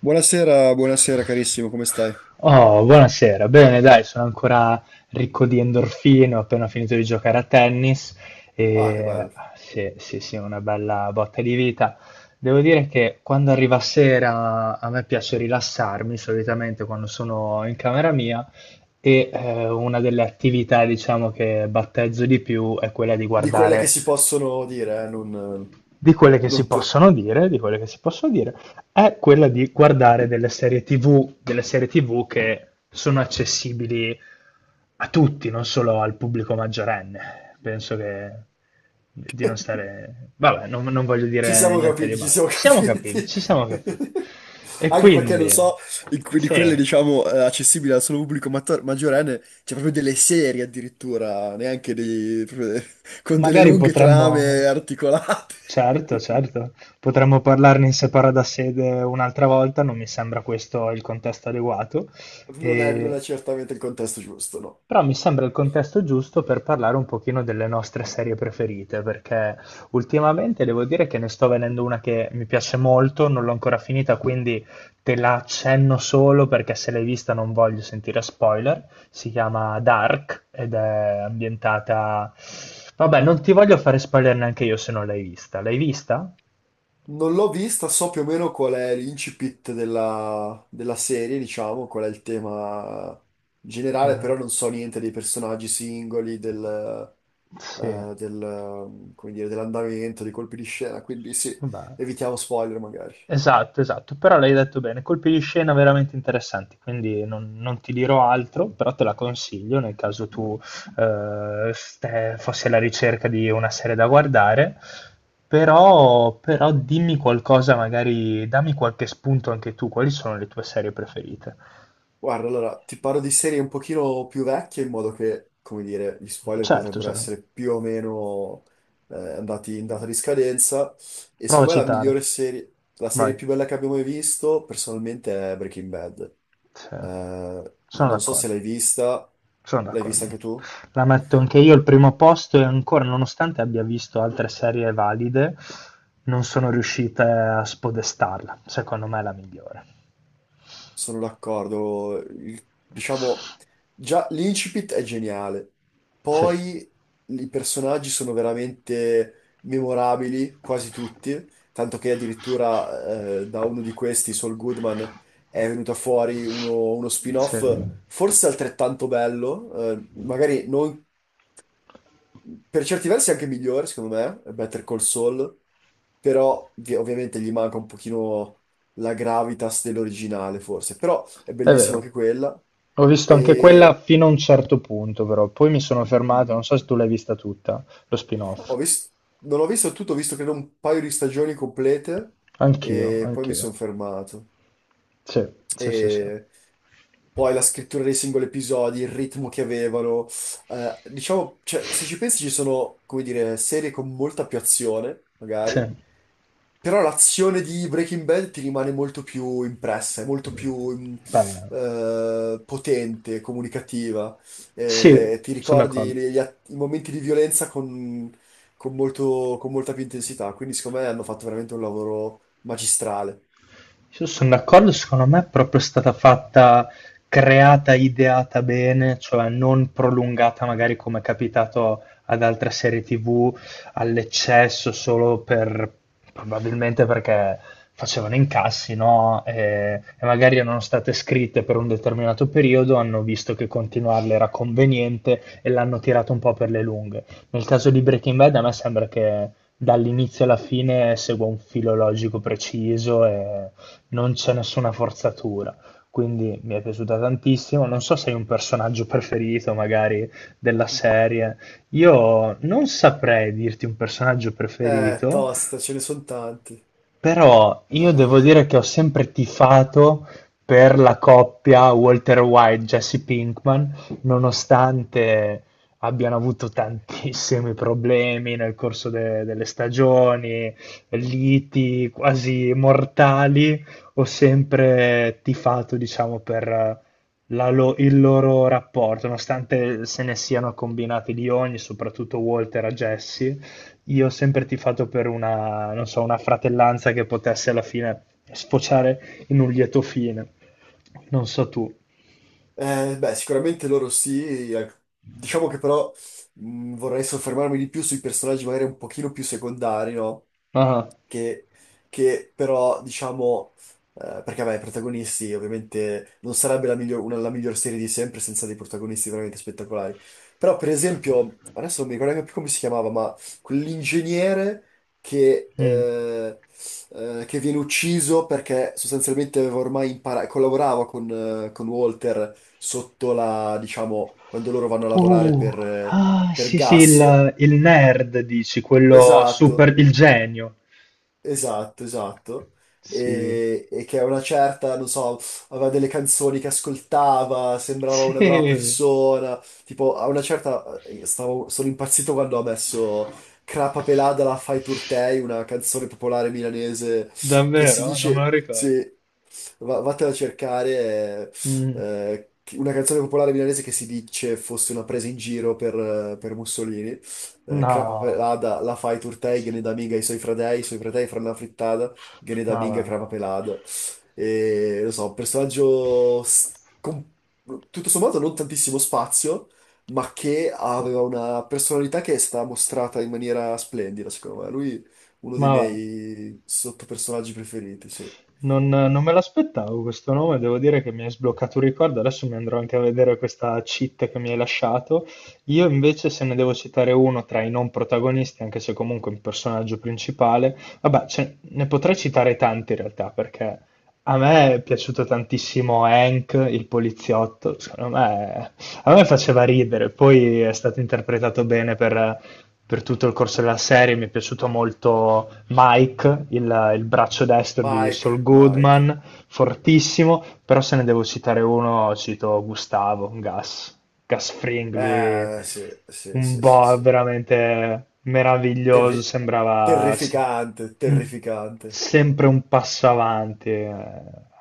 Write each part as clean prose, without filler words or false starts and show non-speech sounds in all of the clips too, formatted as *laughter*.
Buonasera, buonasera carissimo, come stai? Oh, buonasera. Bene, dai, sono ancora ricco di endorfine, ho appena finito di giocare a tennis Ah, che e bello. sì, sì, sì, una bella botta di vita. Devo dire che quando arriva sera a me piace rilassarmi, solitamente quando sono in camera mia, e una delle attività, diciamo, che battezzo di più è quella di Di quelle che guardare si possono dire, di quelle che si non tu. possono dire, di quelle che si possono dire, è quella di guardare delle serie TV, delle serie TV che sono accessibili a tutti, non solo al pubblico maggiorenne. Penso che di non stare. Vabbè, non voglio Ci dire siamo niente di capiti, ci male. siamo *laughs* Ci siamo capiti, capiti. ci siamo capiti. E Anche perché non quindi, so, di sì, quelle, diciamo, accessibili al solo pubblico maggiorenne, c'è proprio delle serie addirittura, neanche *laughs* con delle magari lunghe potremmo, trame articolate. certo, certo, potremmo parlarne in separata sede un'altra volta, non mi sembra questo il contesto adeguato. Non è, non E è certamente il contesto giusto, no. però mi sembra il contesto giusto per parlare un pochino delle nostre serie preferite, perché ultimamente devo dire che ne sto vedendo una che mi piace molto, non l'ho ancora finita, quindi te la accenno solo perché se l'hai vista non voglio sentire spoiler. Si chiama Dark ed è ambientata. Vabbè, non ti voglio fare spoiler neanche io se non l'hai vista. L'hai vista? Non l'ho vista, so più o meno qual è l'incipit della, della serie, diciamo, qual è il tema generale, Eh, però non so niente dei personaggi singoli, Sì, del, come dire, dell'andamento, dei colpi di scena, quindi sì, vabbè. evitiamo spoiler magari. Esatto, esatto, però l'hai detto bene, colpi di scena veramente interessanti, quindi non ti dirò altro, però te la consiglio nel caso tu fossi alla ricerca di una serie da guardare, però dimmi qualcosa, magari dammi qualche spunto anche tu, quali sono le tue serie preferite? Guarda, allora, ti parlo di serie un pochino più vecchie in modo che, come dire, gli spoiler Certo, potrebbero cioè, essere più o meno andati in data di scadenza. E prova a secondo me la citare, migliore serie, la serie vai, più bella che abbiamo mai visto, personalmente, è Breaking Bad. sì, sono Non so d'accordo. se l'hai vista, Sono l'hai vista d'accordo. anche tu? La metto anche io al primo posto e ancora, nonostante abbia visto altre serie valide, non sono riuscite a spodestarla. Secondo me è la migliore. Sono d'accordo. Diciamo, già l'incipit è geniale. Sì. Poi i personaggi sono veramente memorabili, quasi tutti, tanto che addirittura da uno di questi, Saul Goodman, è venuto fuori uno Sì, spin-off è forse altrettanto bello, magari non per certi versi è anche migliore, secondo me, Better Call Saul, però ovviamente gli manca un pochino la gravitas dell'originale, forse, però è bellissima vero. anche quella. Ho visto anche quella E fino a un certo punto, però poi mi sono fermato, non so se mm, tu l'hai vista tutta, lo ho spin-off. vis- Non ho visto tutto, ho visto credo un paio di stagioni complete Anch'io, e poi mi anch'io. sono fermato. Sì, sì, sì, sì. E poi la scrittura dei singoli episodi, il ritmo che avevano. Diciamo, cioè, se ci pensi ci sono, come dire, serie con molta più azione, Sì, magari, però l'azione di Breaking Bad ti rimane molto più impressa, è molto più beh, potente, comunicativa. sì, Ti sono ricordi d'accordo. I momenti di violenza con molta più intensità, quindi secondo me hanno fatto veramente un lavoro magistrale. Io sono d'accordo, secondo me è proprio stata fatta, creata, ideata bene, cioè non prolungata magari come è capitato ad altre serie TV all'eccesso solo per probabilmente perché facevano incassi, no? E magari erano state scritte per un determinato periodo, hanno visto che continuarle era conveniente e l'hanno tirato un po' per le lunghe. Nel caso di Breaking Bad a me sembra che dall'inizio alla fine segua un filo logico preciso e non c'è nessuna forzatura. Quindi mi è piaciuta tantissimo. Non so se hai un personaggio preferito, magari della serie. Io non saprei dirti un personaggio preferito, Tosta, ce ne sono tanti. però io devo Ah. dire che ho sempre tifato per la coppia Walter White-Jesse Pinkman, nonostante abbiano avuto tantissimi problemi nel corso delle stagioni, liti quasi mortali, ho sempre tifato, diciamo, per il loro rapporto, nonostante se ne siano combinati di ogni, soprattutto Walter a Jesse, io ho sempre tifato per una, non so, una fratellanza che potesse alla fine sfociare in un lieto fine. Non so tu. Beh, sicuramente loro sì. Diciamo che però vorrei soffermarmi di più sui personaggi magari un pochino più secondari, no? Ah, che, che però diciamo, Perché vabbè, i protagonisti ovviamente non sarebbe la miglior serie di sempre senza dei protagonisti veramente spettacolari, però per esempio, adesso non mi ricordo neanche più come si chiamava, ma quell'ingegnere che, mm. eh, che viene ucciso perché sostanzialmente aveva ormai imparato, collaborava con Walter sotto la, diciamo, quando loro vanno a lavorare Uh, ah, per sì, sì, gas. Il nerd, dici, quello Esatto. super, il genio. Esatto, esatto. Sì. E che a una certa, non so, aveva delle canzoni che ascoltava, sembrava Sì, una brava persona. Tipo, a una certa, sono impazzito quando ha messo Crapa Pelada la Fai Turtei, una canzone popolare milanese che si davvero? Non me dice, lo ricordo. sì, vattene a cercare Mm, una canzone popolare milanese che si dice fosse una presa in giro per Mussolini. Crapa no, pelada, la fai turtei, gene da minga i suoi fratei fra una frittata, gene da ma minga va. crapa pelada. E, lo so, un con tutto sommato non tantissimo spazio, ma che aveva una personalità che è stata mostrata in maniera splendida, secondo me. Lui uno dei Ma va. miei sottopersonaggi preferiti, sì. Non me l'aspettavo questo nome, devo dire che mi hai sbloccato un ricordo, adesso mi andrò anche a vedere questa cheat che mi hai lasciato. Io invece se ne devo citare uno tra i non protagonisti, anche se comunque un personaggio principale, vabbè, ne potrei citare tanti in realtà, perché a me è piaciuto tantissimo Hank, il poliziotto, secondo me, a me faceva ridere, poi è stato interpretato bene per tutto il corso della serie. Mi è piaciuto molto Mike, il braccio destro di Mike, Saul Mike. Goodman, fortissimo, però se ne devo citare uno, cito Gustavo, Gas, Gas Fring, lui Sì, sì, un sì, sì, boh sì. veramente meraviglioso, Terri- sembrava se- terrificante, un- terrificante. sempre un passo avanti.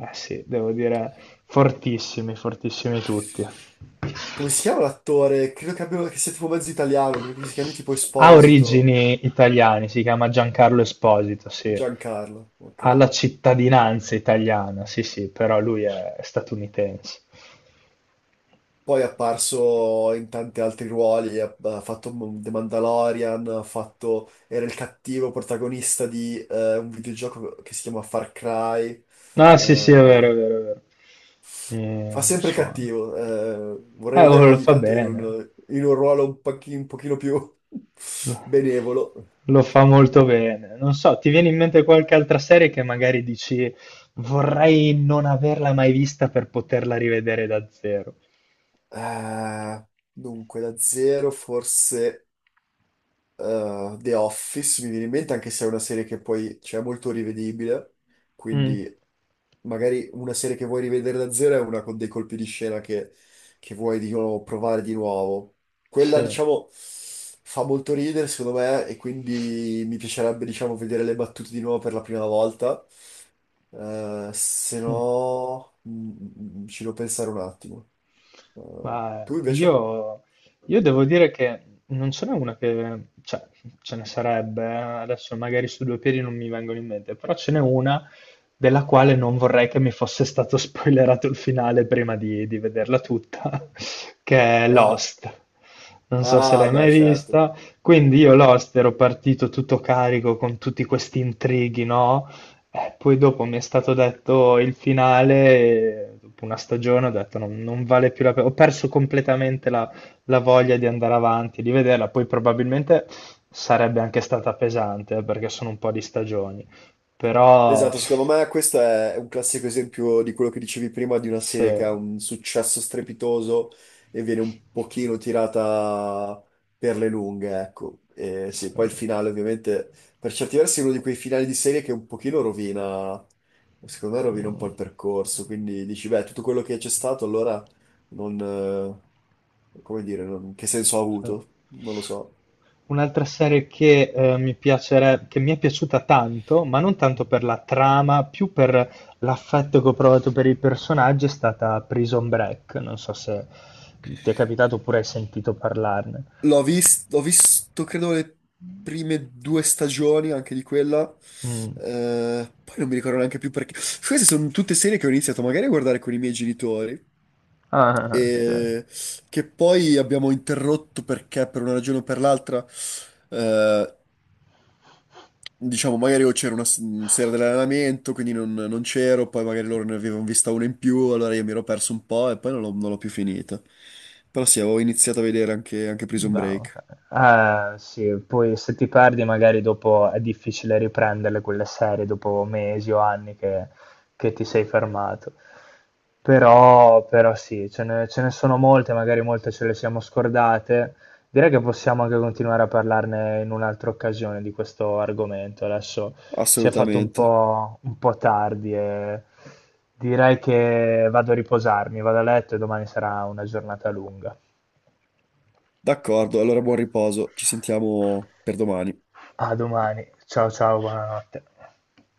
Eh sì, devo dire, fortissimi, fortissimi tutti. Come si chiama l'attore? Credo che abbia, che sia tipo mezzo italiano, credo che si chiami tipo Ha Esposito, origini italiane, si chiama Giancarlo Esposito, sì. Giancarlo, ok. Ha la cittadinanza italiana, sì, sì, però lui è statunitense. Poi è apparso in tanti altri ruoli, ha, ha fatto The Mandalorian, ha fatto, era il cattivo protagonista di un videogioco che si chiama Far Cry. No, sì, sì, è vero, Eh, è vero, è vero. Fa Mi sempre suona. cattivo, vorrei Oh, vederlo lo ogni fa tanto bene. In un ruolo un pochino più *laughs* Lo benevolo. lo fa molto bene. Non so, ti viene in mente qualche altra serie che magari dici vorrei non averla mai vista per poterla rivedere da zero? Eh, dunque, da zero forse The Office mi viene in mente, anche se è una serie che poi cioè, è molto rivedibile, Mm, quindi magari una serie che vuoi rivedere da zero è una con dei colpi di scena che vuoi di nuovo provare di nuovo. Quella, sì. diciamo, fa molto ridere, secondo me, e quindi mi piacerebbe, diciamo, vedere le battute di nuovo per la prima volta. Se Mm. no, ci devo pensare un attimo. Eh, Ma tu invece? io, io devo dire che non ce n'è una che, cioè, ce ne sarebbe, adesso magari su due piedi non mi vengono in mente, però ce n'è una della quale non vorrei che mi fosse stato *laughs* spoilerato il finale prima di vederla tutta, *laughs* che è Ah, Lost. Non so se ah, l'hai beh, mai certo. vista. Quindi io Lost ero partito tutto carico con tutti questi intrighi, no? Poi dopo mi è stato detto il finale, e dopo una stagione ho detto non vale più la pena, ho perso completamente la voglia di andare avanti, di vederla, poi probabilmente sarebbe anche stata pesante perché sono un po' di stagioni, però Esatto, secondo me questo è un classico esempio di quello che dicevi prima di una serie che se, ha un successo strepitoso e viene un pochino tirata per le lunghe, ecco. E sì, poi il se- finale ovviamente per certi versi è uno di quei finali di serie che un pochino rovina, secondo me rovina un po' mm. il percorso, quindi dici, beh, tutto quello che c'è stato allora non, come dire, che senso ha Cioè, avuto? Non lo so. un'altra serie che, che mi è piaciuta tanto, ma non tanto per la trama, più per l'affetto che ho provato per i personaggi, è stata Prison Break. Non so se ti è capitato oppure hai sentito parlarne. Ho visto, credo, le prime due stagioni anche di quella. Mm. Poi non mi ricordo neanche più perché. Queste sono tutte serie che ho iniziato magari a guardare con i miei genitori Ah, ah, ah, sì. e che poi abbiamo interrotto perché per una ragione o per l'altra, eh, diciamo, magari o c'era sera dell'allenamento, quindi non, non c'ero, poi magari loro ne avevano vista una in più, allora io mi ero perso un po' e poi non l'ho più finita. Però sì, avevo iniziato a vedere anche Prison Bah, Break. ah, sì, poi se ti perdi magari dopo è difficile riprenderle quelle serie dopo mesi o anni che ti sei fermato. Però sì, ce ne sono molte, magari molte ce le siamo scordate. Direi che possiamo anche continuare a parlarne in un'altra occasione di questo argomento. Adesso si è fatto Assolutamente. Un po' tardi e direi che vado a riposarmi, vado a letto e domani sarà una giornata lunga. D'accordo, allora buon riposo, ci sentiamo per domani. A domani. Ciao ciao, buonanotte.